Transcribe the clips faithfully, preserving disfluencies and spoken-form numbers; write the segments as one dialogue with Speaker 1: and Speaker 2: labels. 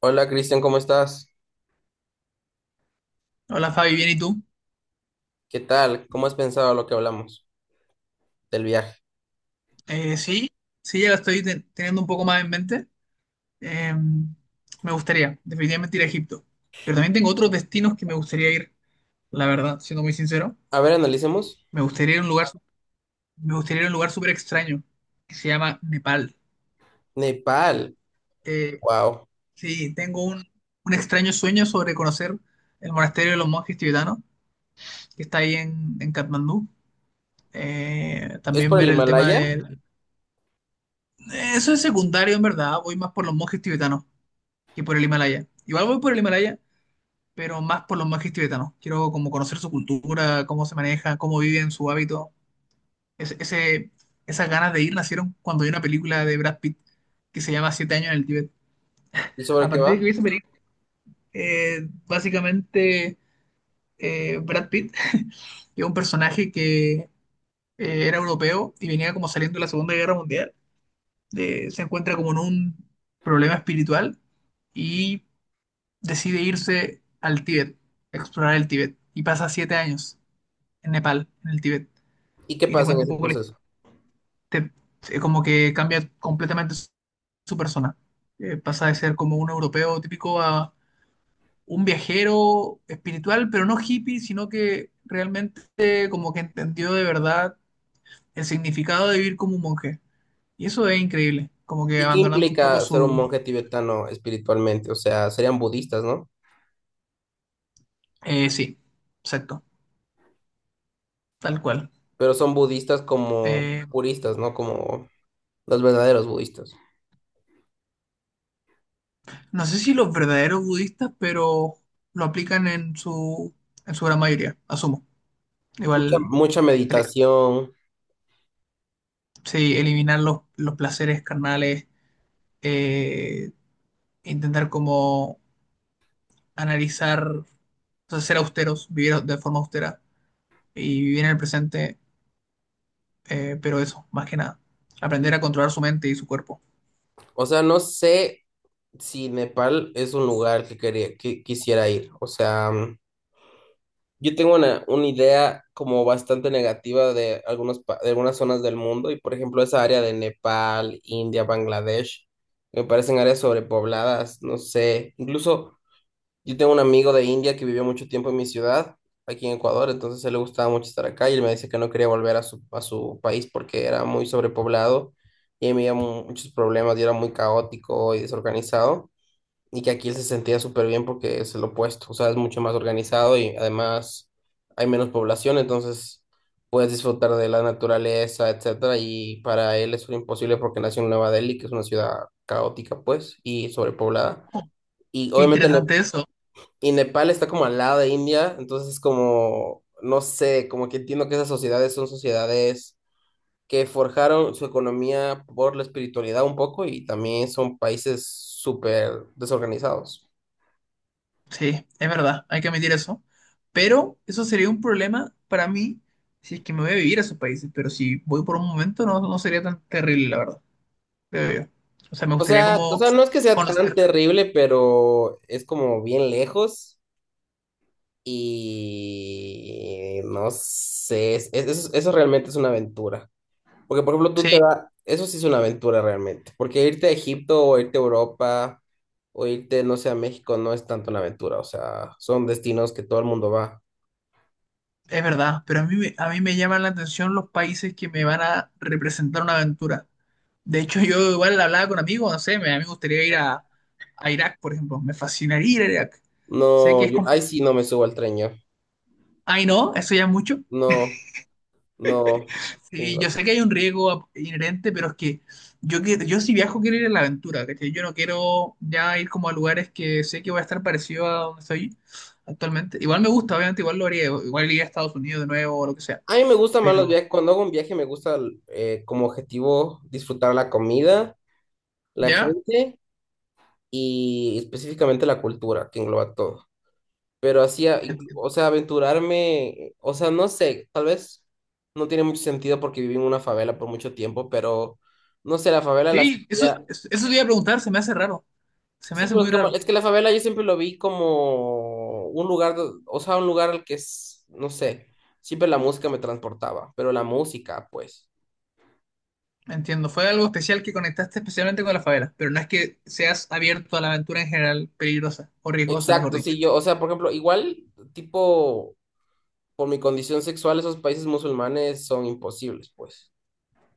Speaker 1: Hola Cristian, ¿cómo estás?
Speaker 2: Hola Fabi, bien, ¿y tú?
Speaker 1: ¿Qué tal? ¿Cómo has pensado lo que hablamos del viaje?
Speaker 2: Eh, sí, sí, ya la estoy ten- teniendo un poco más en mente. Eh, Me gustaría definitivamente ir a Egipto, pero también tengo otros destinos que me gustaría ir, la verdad, siendo muy sincero.
Speaker 1: A ver, analicemos.
Speaker 2: Me gustaría ir a un lugar, me gustaría ir a un lugar súper extraño que se llama Nepal.
Speaker 1: Nepal,
Speaker 2: Eh,
Speaker 1: wow.
Speaker 2: sí, tengo un, un extraño sueño sobre conocer el monasterio de los monjes tibetanos que está ahí en, en Katmandú. Eh,
Speaker 1: ¿Es
Speaker 2: también
Speaker 1: por el
Speaker 2: ver el tema
Speaker 1: Himalaya?
Speaker 2: de... Eso es secundario, en verdad, voy más por los monjes tibetanos que por el Himalaya. Igual voy por el Himalaya, pero más por los monjes tibetanos. Quiero como conocer su cultura, cómo se maneja, cómo viven, su hábito. Ese, ese- Esas ganas de ir nacieron cuando vi una película de Brad Pitt que se llama Siete años en el Tíbet.
Speaker 1: ¿Y
Speaker 2: A
Speaker 1: sobre qué
Speaker 2: partir de que vi
Speaker 1: va?
Speaker 2: esa película, eh, básicamente eh, Brad Pitt, que es un personaje que eh, era europeo y venía como saliendo de la Segunda Guerra Mundial, de- se encuentra como en un problema espiritual y decide irse al Tíbet, a explorar el Tíbet, y pasa siete años en Nepal, en el Tíbet.
Speaker 1: ¿Y qué
Speaker 2: Y te
Speaker 1: pasa en
Speaker 2: cuento un
Speaker 1: ese
Speaker 2: poco, la historia.
Speaker 1: proceso?
Speaker 2: Te- eh, Como que cambia completamente su, su persona. Eh, pasa de ser como un europeo típico a un viajero espiritual, pero no hippie, sino que realmente como que entendió de verdad el significado de vivir como un monje. Y eso es increíble, como que
Speaker 1: ¿Y qué
Speaker 2: abandonando un poco
Speaker 1: implica ser un
Speaker 2: su...
Speaker 1: monje tibetano espiritualmente? O sea, serían budistas, ¿no?
Speaker 2: Eh, sí, exacto, tal cual.
Speaker 1: Pero son budistas como
Speaker 2: Eh,
Speaker 1: puristas, ¿no? Como los verdaderos budistas.
Speaker 2: No sé si los verdaderos budistas, pero lo aplican en su, en su gran mayoría, asumo.
Speaker 1: Mucha,
Speaker 2: Igual,
Speaker 1: mucha
Speaker 2: ele-
Speaker 1: meditación.
Speaker 2: sí, eliminar los, los placeres carnales, eh, intentar como analizar, o sea, ser austeros, vivir de forma austera y vivir en el presente, eh, pero eso, más que nada. Aprender a controlar su mente y su cuerpo.
Speaker 1: O sea, no sé si Nepal es un lugar que, quería, que quisiera ir. O sea... Yo tengo una, una idea como bastante negativa de algunos, pa- de algunas zonas del mundo y por ejemplo esa área de Nepal, India, Bangladesh, me parecen áreas sobrepobladas, no sé, incluso yo tengo un amigo de India que vivió mucho tiempo en mi ciudad, aquí en Ecuador, entonces a él le gustaba mucho estar acá y él me dice que no quería volver a su, a su país porque era muy sobrepoblado y ahí me había mu- muchos problemas y era muy caótico y desorganizado y que aquí él se sentía súper bien porque es el opuesto, o sea, es mucho más organizado y además hay menos población, entonces puedes disfrutar de la naturaleza, etcétera, y para él eso era imposible porque nació en Nueva Delhi, que es una ciudad caótica, pues, y sobrepoblada.
Speaker 2: Oh,
Speaker 1: Y
Speaker 2: qué
Speaker 1: obviamente
Speaker 2: interesante
Speaker 1: Ne-
Speaker 2: eso.
Speaker 1: y Nepal está como al lado de India, entonces es como, no sé, como que entiendo que esas sociedades son sociedades que forjaron su economía por la espiritualidad un poco y también son países súper desorganizados.
Speaker 2: Sí, es verdad, hay que admitir eso. Pero eso sería un problema para mí si es que me voy a vivir a esos países. Pero si voy por un momento, no, no sería tan terrible, la verdad. Creo yo. O sea, me
Speaker 1: O
Speaker 2: gustaría
Speaker 1: sea, o
Speaker 2: como
Speaker 1: sea, no es que sea tan
Speaker 2: conocer.
Speaker 1: terrible, pero es como bien lejos y no sé, es- es- eso, eso realmente es una aventura. Porque, por ejemplo, tú te
Speaker 2: Sí,
Speaker 1: vas, eso sí es una aventura realmente, porque irte a Egipto o irte a Europa o irte, no sé, a México no es tanto una aventura, o sea, son destinos que todo el mundo va.
Speaker 2: es verdad. Pero a mí, me- a mí me llaman la atención los países que me van a representar una aventura. De hecho, yo igual hablaba con amigos, no sé, me, a mí me gustaría ir a, a Irak, por ejemplo. Me fascinaría ir a Irak. Sé que
Speaker 1: No,
Speaker 2: es
Speaker 1: yo, ahí
Speaker 2: complicado.
Speaker 1: sí no me subo al tren yo.
Speaker 2: Ay, no, eso ya es mucho.
Speaker 1: No, no, ni
Speaker 2: Sí, yo
Speaker 1: lo...
Speaker 2: sé que hay un riesgo ap- inherente, pero es que yo, que- yo si viajo quiero ir a la aventura, ¿cachai? Yo no quiero ya ir como a lugares que sé que voy a estar parecido a donde estoy actualmente. Igual me gusta, obviamente, igual lo haría, igual iría a Estados Unidos de nuevo o lo que sea,
Speaker 1: A mí me gusta más los
Speaker 2: pero
Speaker 1: viajes. Cuando hago un viaje me gusta eh, como objetivo disfrutar la comida, la
Speaker 2: ya.
Speaker 1: gente y específicamente la cultura que engloba todo. Pero así, a- inclu-
Speaker 2: Entiendo.
Speaker 1: o sea, aventurarme, o sea, no sé, tal vez no tiene mucho sentido porque viví en una favela por mucho tiempo, pero no sé, la favela la
Speaker 2: Sí, eso,
Speaker 1: sentía...
Speaker 2: eso eso te iba a preguntar, se me hace raro, se me
Speaker 1: Sí,
Speaker 2: hace
Speaker 1: pero es
Speaker 2: muy
Speaker 1: como...
Speaker 2: raro.
Speaker 1: es que la favela yo siempre lo vi como un lugar, do- o sea, un lugar al que es, no sé, siempre la música me transportaba, pero la música, pues.
Speaker 2: Entiendo. Fue algo especial que conectaste especialmente con la favela, pero no es que seas abierto a la aventura en general peligrosa o riesgosa, mejor
Speaker 1: Exacto,
Speaker 2: dicho.
Speaker 1: sí, yo, o sea, por ejemplo, igual, tipo, por mi condición sexual, esos países musulmanes son imposibles, pues.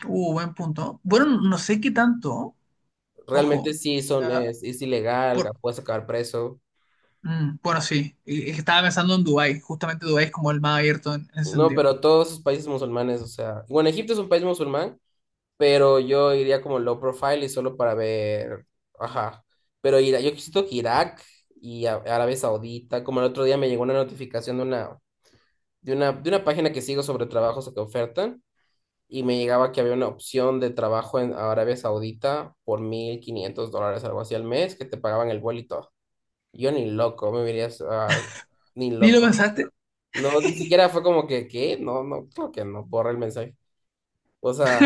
Speaker 2: Uh, buen punto. Bueno, no sé qué tanto.
Speaker 1: Realmente
Speaker 2: Ojo,
Speaker 1: sí
Speaker 2: o
Speaker 1: son,
Speaker 2: sea,
Speaker 1: es, es ilegal,
Speaker 2: por,
Speaker 1: ca- puedes acabar preso.
Speaker 2: mm, bueno, sí, y- es que estaba pensando en Dubái, justamente Dubái es como el más abierto en, en ese
Speaker 1: No,
Speaker 2: sentido.
Speaker 1: pero todos esos países musulmanes, o sea, bueno, Egipto es un país musulmán, pero yo iría como low profile y solo para ver, ajá. Pero Ira- yo siento que Irak y A- Arabia Saudita, como el otro día me llegó una notificación de una, de una, de una página que sigo sobre trabajos que ofertan. Y me llegaba que había una opción de trabajo en Arabia Saudita por mil quinientos dólares, algo así al mes, que te pagaban el vuelo y todo. Yo ni loco, me dirías, ah, ni
Speaker 2: ¿Ni lo
Speaker 1: loco.
Speaker 2: pensaste?
Speaker 1: No, ni siquiera fue como que, ¿qué? No, no, creo que no, borra el mensaje. O sea,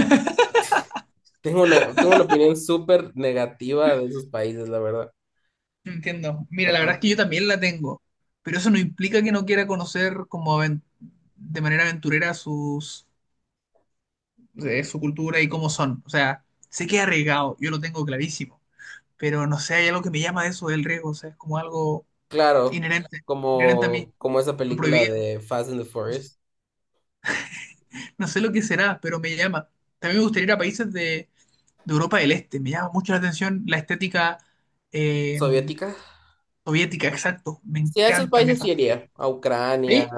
Speaker 1: tengo una, tengo una opinión súper negativa de esos países, la verdad.
Speaker 2: No entiendo. Mira, la verdad
Speaker 1: Ajá.
Speaker 2: es que yo también la tengo, pero eso no implica que no quiera conocer como aven- de manera aventurera sus, eh, su cultura y cómo son. O sea, sé que es arriesgado, yo lo tengo clarísimo, pero no sé, hay algo que me llama de eso, del riesgo, o sea, es como algo
Speaker 1: Claro,
Speaker 2: inherente, inherente a mí,
Speaker 1: como, como esa
Speaker 2: lo
Speaker 1: película
Speaker 2: prohibido.
Speaker 1: de Fast and the Furious,
Speaker 2: No sé lo que será, pero me llama. También me gustaría ir a países de de Europa del Este. Me llama mucho la atención la estética eh,
Speaker 1: soviética.
Speaker 2: soviética, exacto. Me
Speaker 1: Sí, a esos
Speaker 2: encanta, me
Speaker 1: países sí
Speaker 2: fascina.
Speaker 1: iría, a Ucrania,
Speaker 2: ¿Sí?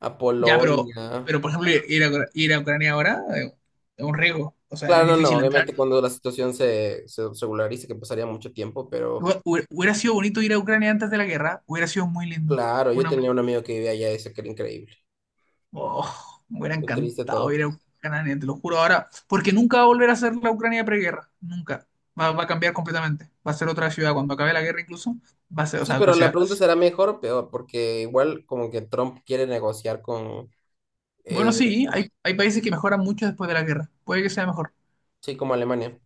Speaker 1: a
Speaker 2: Ya, pero,
Speaker 1: Polonia.
Speaker 2: pero por ejemplo, ir a, Ucra- ir a Ucrania ahora eh, es un riesgo. O sea, es
Speaker 1: Claro, no, no,
Speaker 2: difícil entrar.
Speaker 1: obviamente
Speaker 2: Y todo.
Speaker 1: cuando la situación se, se regularice, que pasaría mucho tiempo, pero
Speaker 2: Hu- hu- Hubiera sido bonito ir a Ucrania antes de la guerra. Hubiera sido muy lindo.
Speaker 1: claro, yo
Speaker 2: Una,
Speaker 1: tenía un amigo que vivía allá y decía que era increíble,
Speaker 2: oh, me hubiera
Speaker 1: lo triste
Speaker 2: encantado
Speaker 1: todo.
Speaker 2: ir a Ucrania, te lo juro ahora. Porque nunca va a volver a ser la Ucrania preguerra. Nunca. Va, va a cambiar completamente. Va a ser otra ciudad. Cuando acabe la guerra incluso, va a ser, o
Speaker 1: Sí,
Speaker 2: sea, otra
Speaker 1: pero la
Speaker 2: ciudad.
Speaker 1: pregunta será mejor o peor, porque igual como que Trump quiere negociar con,
Speaker 2: Bueno,
Speaker 1: eh,
Speaker 2: sí, hay, hay países que mejoran mucho después de la guerra. Puede que sea mejor.
Speaker 1: sí, como Alemania.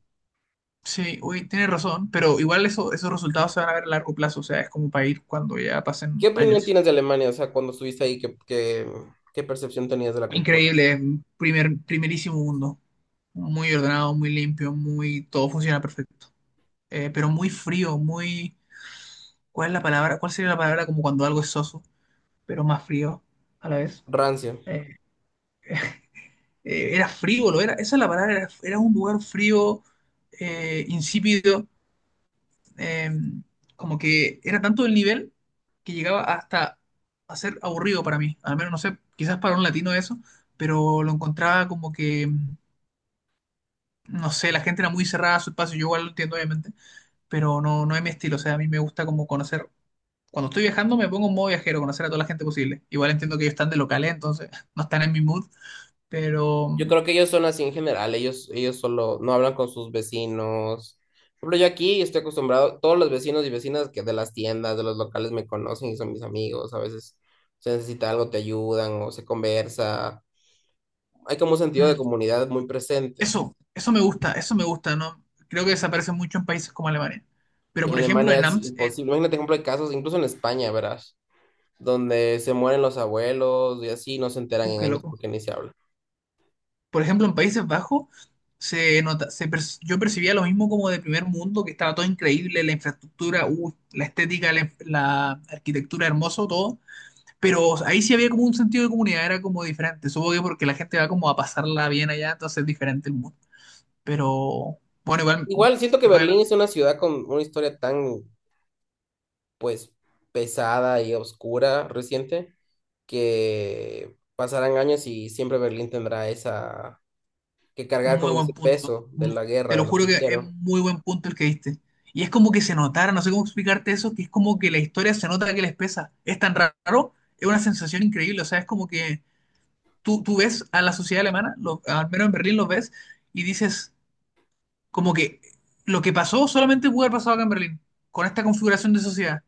Speaker 2: Sí, uy, tienes razón, pero igual eso, esos resultados se van a ver a largo plazo, o sea, es como para ir cuando ya pasen
Speaker 1: ¿Qué opinión
Speaker 2: años.
Speaker 1: tienes de Alemania? O sea, cuando estuviste ahí, ¿qué, qué, ¿qué percepción tenías de la cultura?
Speaker 2: Increíble, es un primer, primerísimo mundo. Muy ordenado, muy limpio, muy, todo funciona perfecto. Eh, pero muy frío, muy, ¿cuál es la palabra? ¿Cuál sería la palabra como cuando algo es soso, pero más frío a la vez?
Speaker 1: Rancio.
Speaker 2: Eh, eh, Era frívolo, era, esa es la palabra, era, era un lugar frío, eh, insípido, eh, como que era tanto el nivel que llegaba hasta a ser aburrido para mí. Al menos, no sé, quizás para un latino eso, pero lo encontraba como que, mm, no sé, la gente era muy cerrada a su espacio, yo igual lo entiendo obviamente, pero no, no es mi estilo, o sea, a mí me gusta como conocer, cuando estoy viajando me pongo en modo viajero, conocer a toda la gente posible. Igual entiendo que ellos están de locales, entonces no están en mi mood, pero
Speaker 1: Yo creo que ellos son así en general, ellos, ellos solo no hablan con sus vecinos. Por ejemplo, yo aquí estoy acostumbrado, todos los vecinos y vecinas que de las tiendas, de los locales me conocen y son mis amigos, a veces se necesita algo, te ayudan o se conversa. Hay como un sentido
Speaker 2: mm,
Speaker 1: de comunidad muy presente.
Speaker 2: eso, eso me gusta, eso me gusta, ¿no? Creo que desaparece mucho en países como Alemania. Pero
Speaker 1: Y en
Speaker 2: por ejemplo
Speaker 1: Alemania
Speaker 2: en
Speaker 1: es
Speaker 2: Amps, en...
Speaker 1: imposible. Imagínate, por ejemplo, hay casos, incluso en España, verás, donde se mueren los abuelos y así no se enteran
Speaker 2: Uh,
Speaker 1: en
Speaker 2: qué
Speaker 1: años
Speaker 2: loco.
Speaker 1: porque ni se habla.
Speaker 2: Por ejemplo, en Países Bajos se nota, se per- yo percibía lo mismo como de primer mundo, que estaba todo increíble, la infraestructura, uh, la estética, la, la arquitectura, hermoso, todo. Pero ahí sí había como un sentido de comunidad, era como diferente. Supongo que porque la gente va como a pasarla bien allá, entonces es diferente el mundo. Pero bueno, igual.
Speaker 1: Igual siento que Berlín es una ciudad con una historia tan pues pesada y oscura reciente, que pasarán años y siempre Berlín tendrá esa que cargar
Speaker 2: Muy
Speaker 1: con ese
Speaker 2: buen punto.
Speaker 1: peso de
Speaker 2: Mu-
Speaker 1: la
Speaker 2: Te
Speaker 1: guerra,
Speaker 2: lo
Speaker 1: de lo
Speaker 2: juro
Speaker 1: que
Speaker 2: que es
Speaker 1: hicieron.
Speaker 2: muy buen punto el que diste. Y es como que se notara, no sé cómo explicarte eso, que es como que la historia se nota que les pesa. Es tan raro, es una sensación increíble. O sea, es como que tú, tú ves a la sociedad alemana, lo- al menos en Berlín los ves, y dices como que lo que pasó solamente pudo haber pasado acá en Berlín, con esta configuración de sociedad.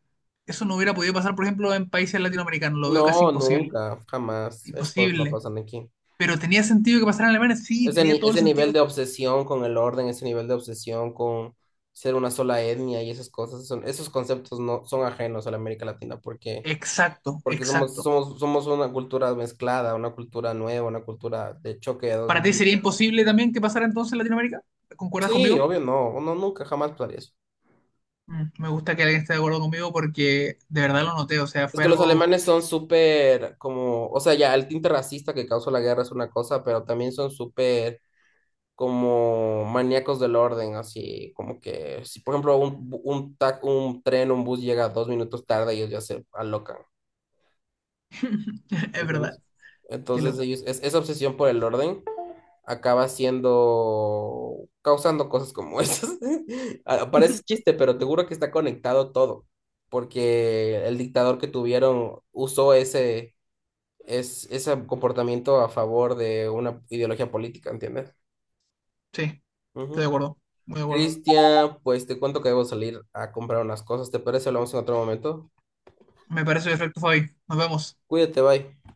Speaker 2: Eso no hubiera podido pasar, por ejemplo, en países latinoamericanos. Lo veo casi
Speaker 1: No,
Speaker 2: imposible.
Speaker 1: nunca, jamás. Es cosas no
Speaker 2: Imposible.
Speaker 1: pasan aquí.
Speaker 2: Pero tenía sentido que pasara en Alemania, sí,
Speaker 1: Ese, ni-
Speaker 2: tenía todo el
Speaker 1: ese nivel
Speaker 2: sentido.
Speaker 1: de obsesión con el orden, ese nivel de obsesión con ser una sola etnia y esas cosas, son, esos conceptos no son ajenos a la América Latina porque,
Speaker 2: Exacto,
Speaker 1: porque somos,
Speaker 2: exacto.
Speaker 1: somos, somos una cultura mezclada, una cultura nueva, una cultura de choque de dos
Speaker 2: ¿Para ti sería
Speaker 1: mundos.
Speaker 2: imposible también que pasara entonces en Latinoamérica? ¿Concuerdas
Speaker 1: Sí,
Speaker 2: conmigo?
Speaker 1: obvio, no, uno nunca jamás pasaría eso.
Speaker 2: Mm, me gusta que alguien esté de acuerdo conmigo porque de verdad lo noté, o sea,
Speaker 1: Es
Speaker 2: fue
Speaker 1: que los
Speaker 2: algo...
Speaker 1: alemanes son súper como, o sea, ya el tinte racista que causó la guerra es una cosa, pero también son súper como maníacos del orden, así como que si por ejemplo un, bu- un, tac- un tren, un bus llega dos minutos tarde, ellos ya se alocan,
Speaker 2: Es verdad,
Speaker 1: ¿entiendes?
Speaker 2: qué
Speaker 1: Entonces
Speaker 2: loco.
Speaker 1: ellos, es, esa obsesión por el orden acaba siendo, causando cosas como esas. Ah, parece chiste, pero te juro que está conectado todo, porque el dictador que tuvieron usó ese, es, ese comportamiento a favor de una ideología política, ¿entiendes?
Speaker 2: Sí, estoy de
Speaker 1: Ujú.
Speaker 2: acuerdo, muy de acuerdo.
Speaker 1: Cristian, pues te cuento que debo salir a comprar unas cosas, ¿te parece? Hablamos en otro momento.
Speaker 2: Me parece perfecto, Fabi. Nos vemos.
Speaker 1: Cuídate, bye.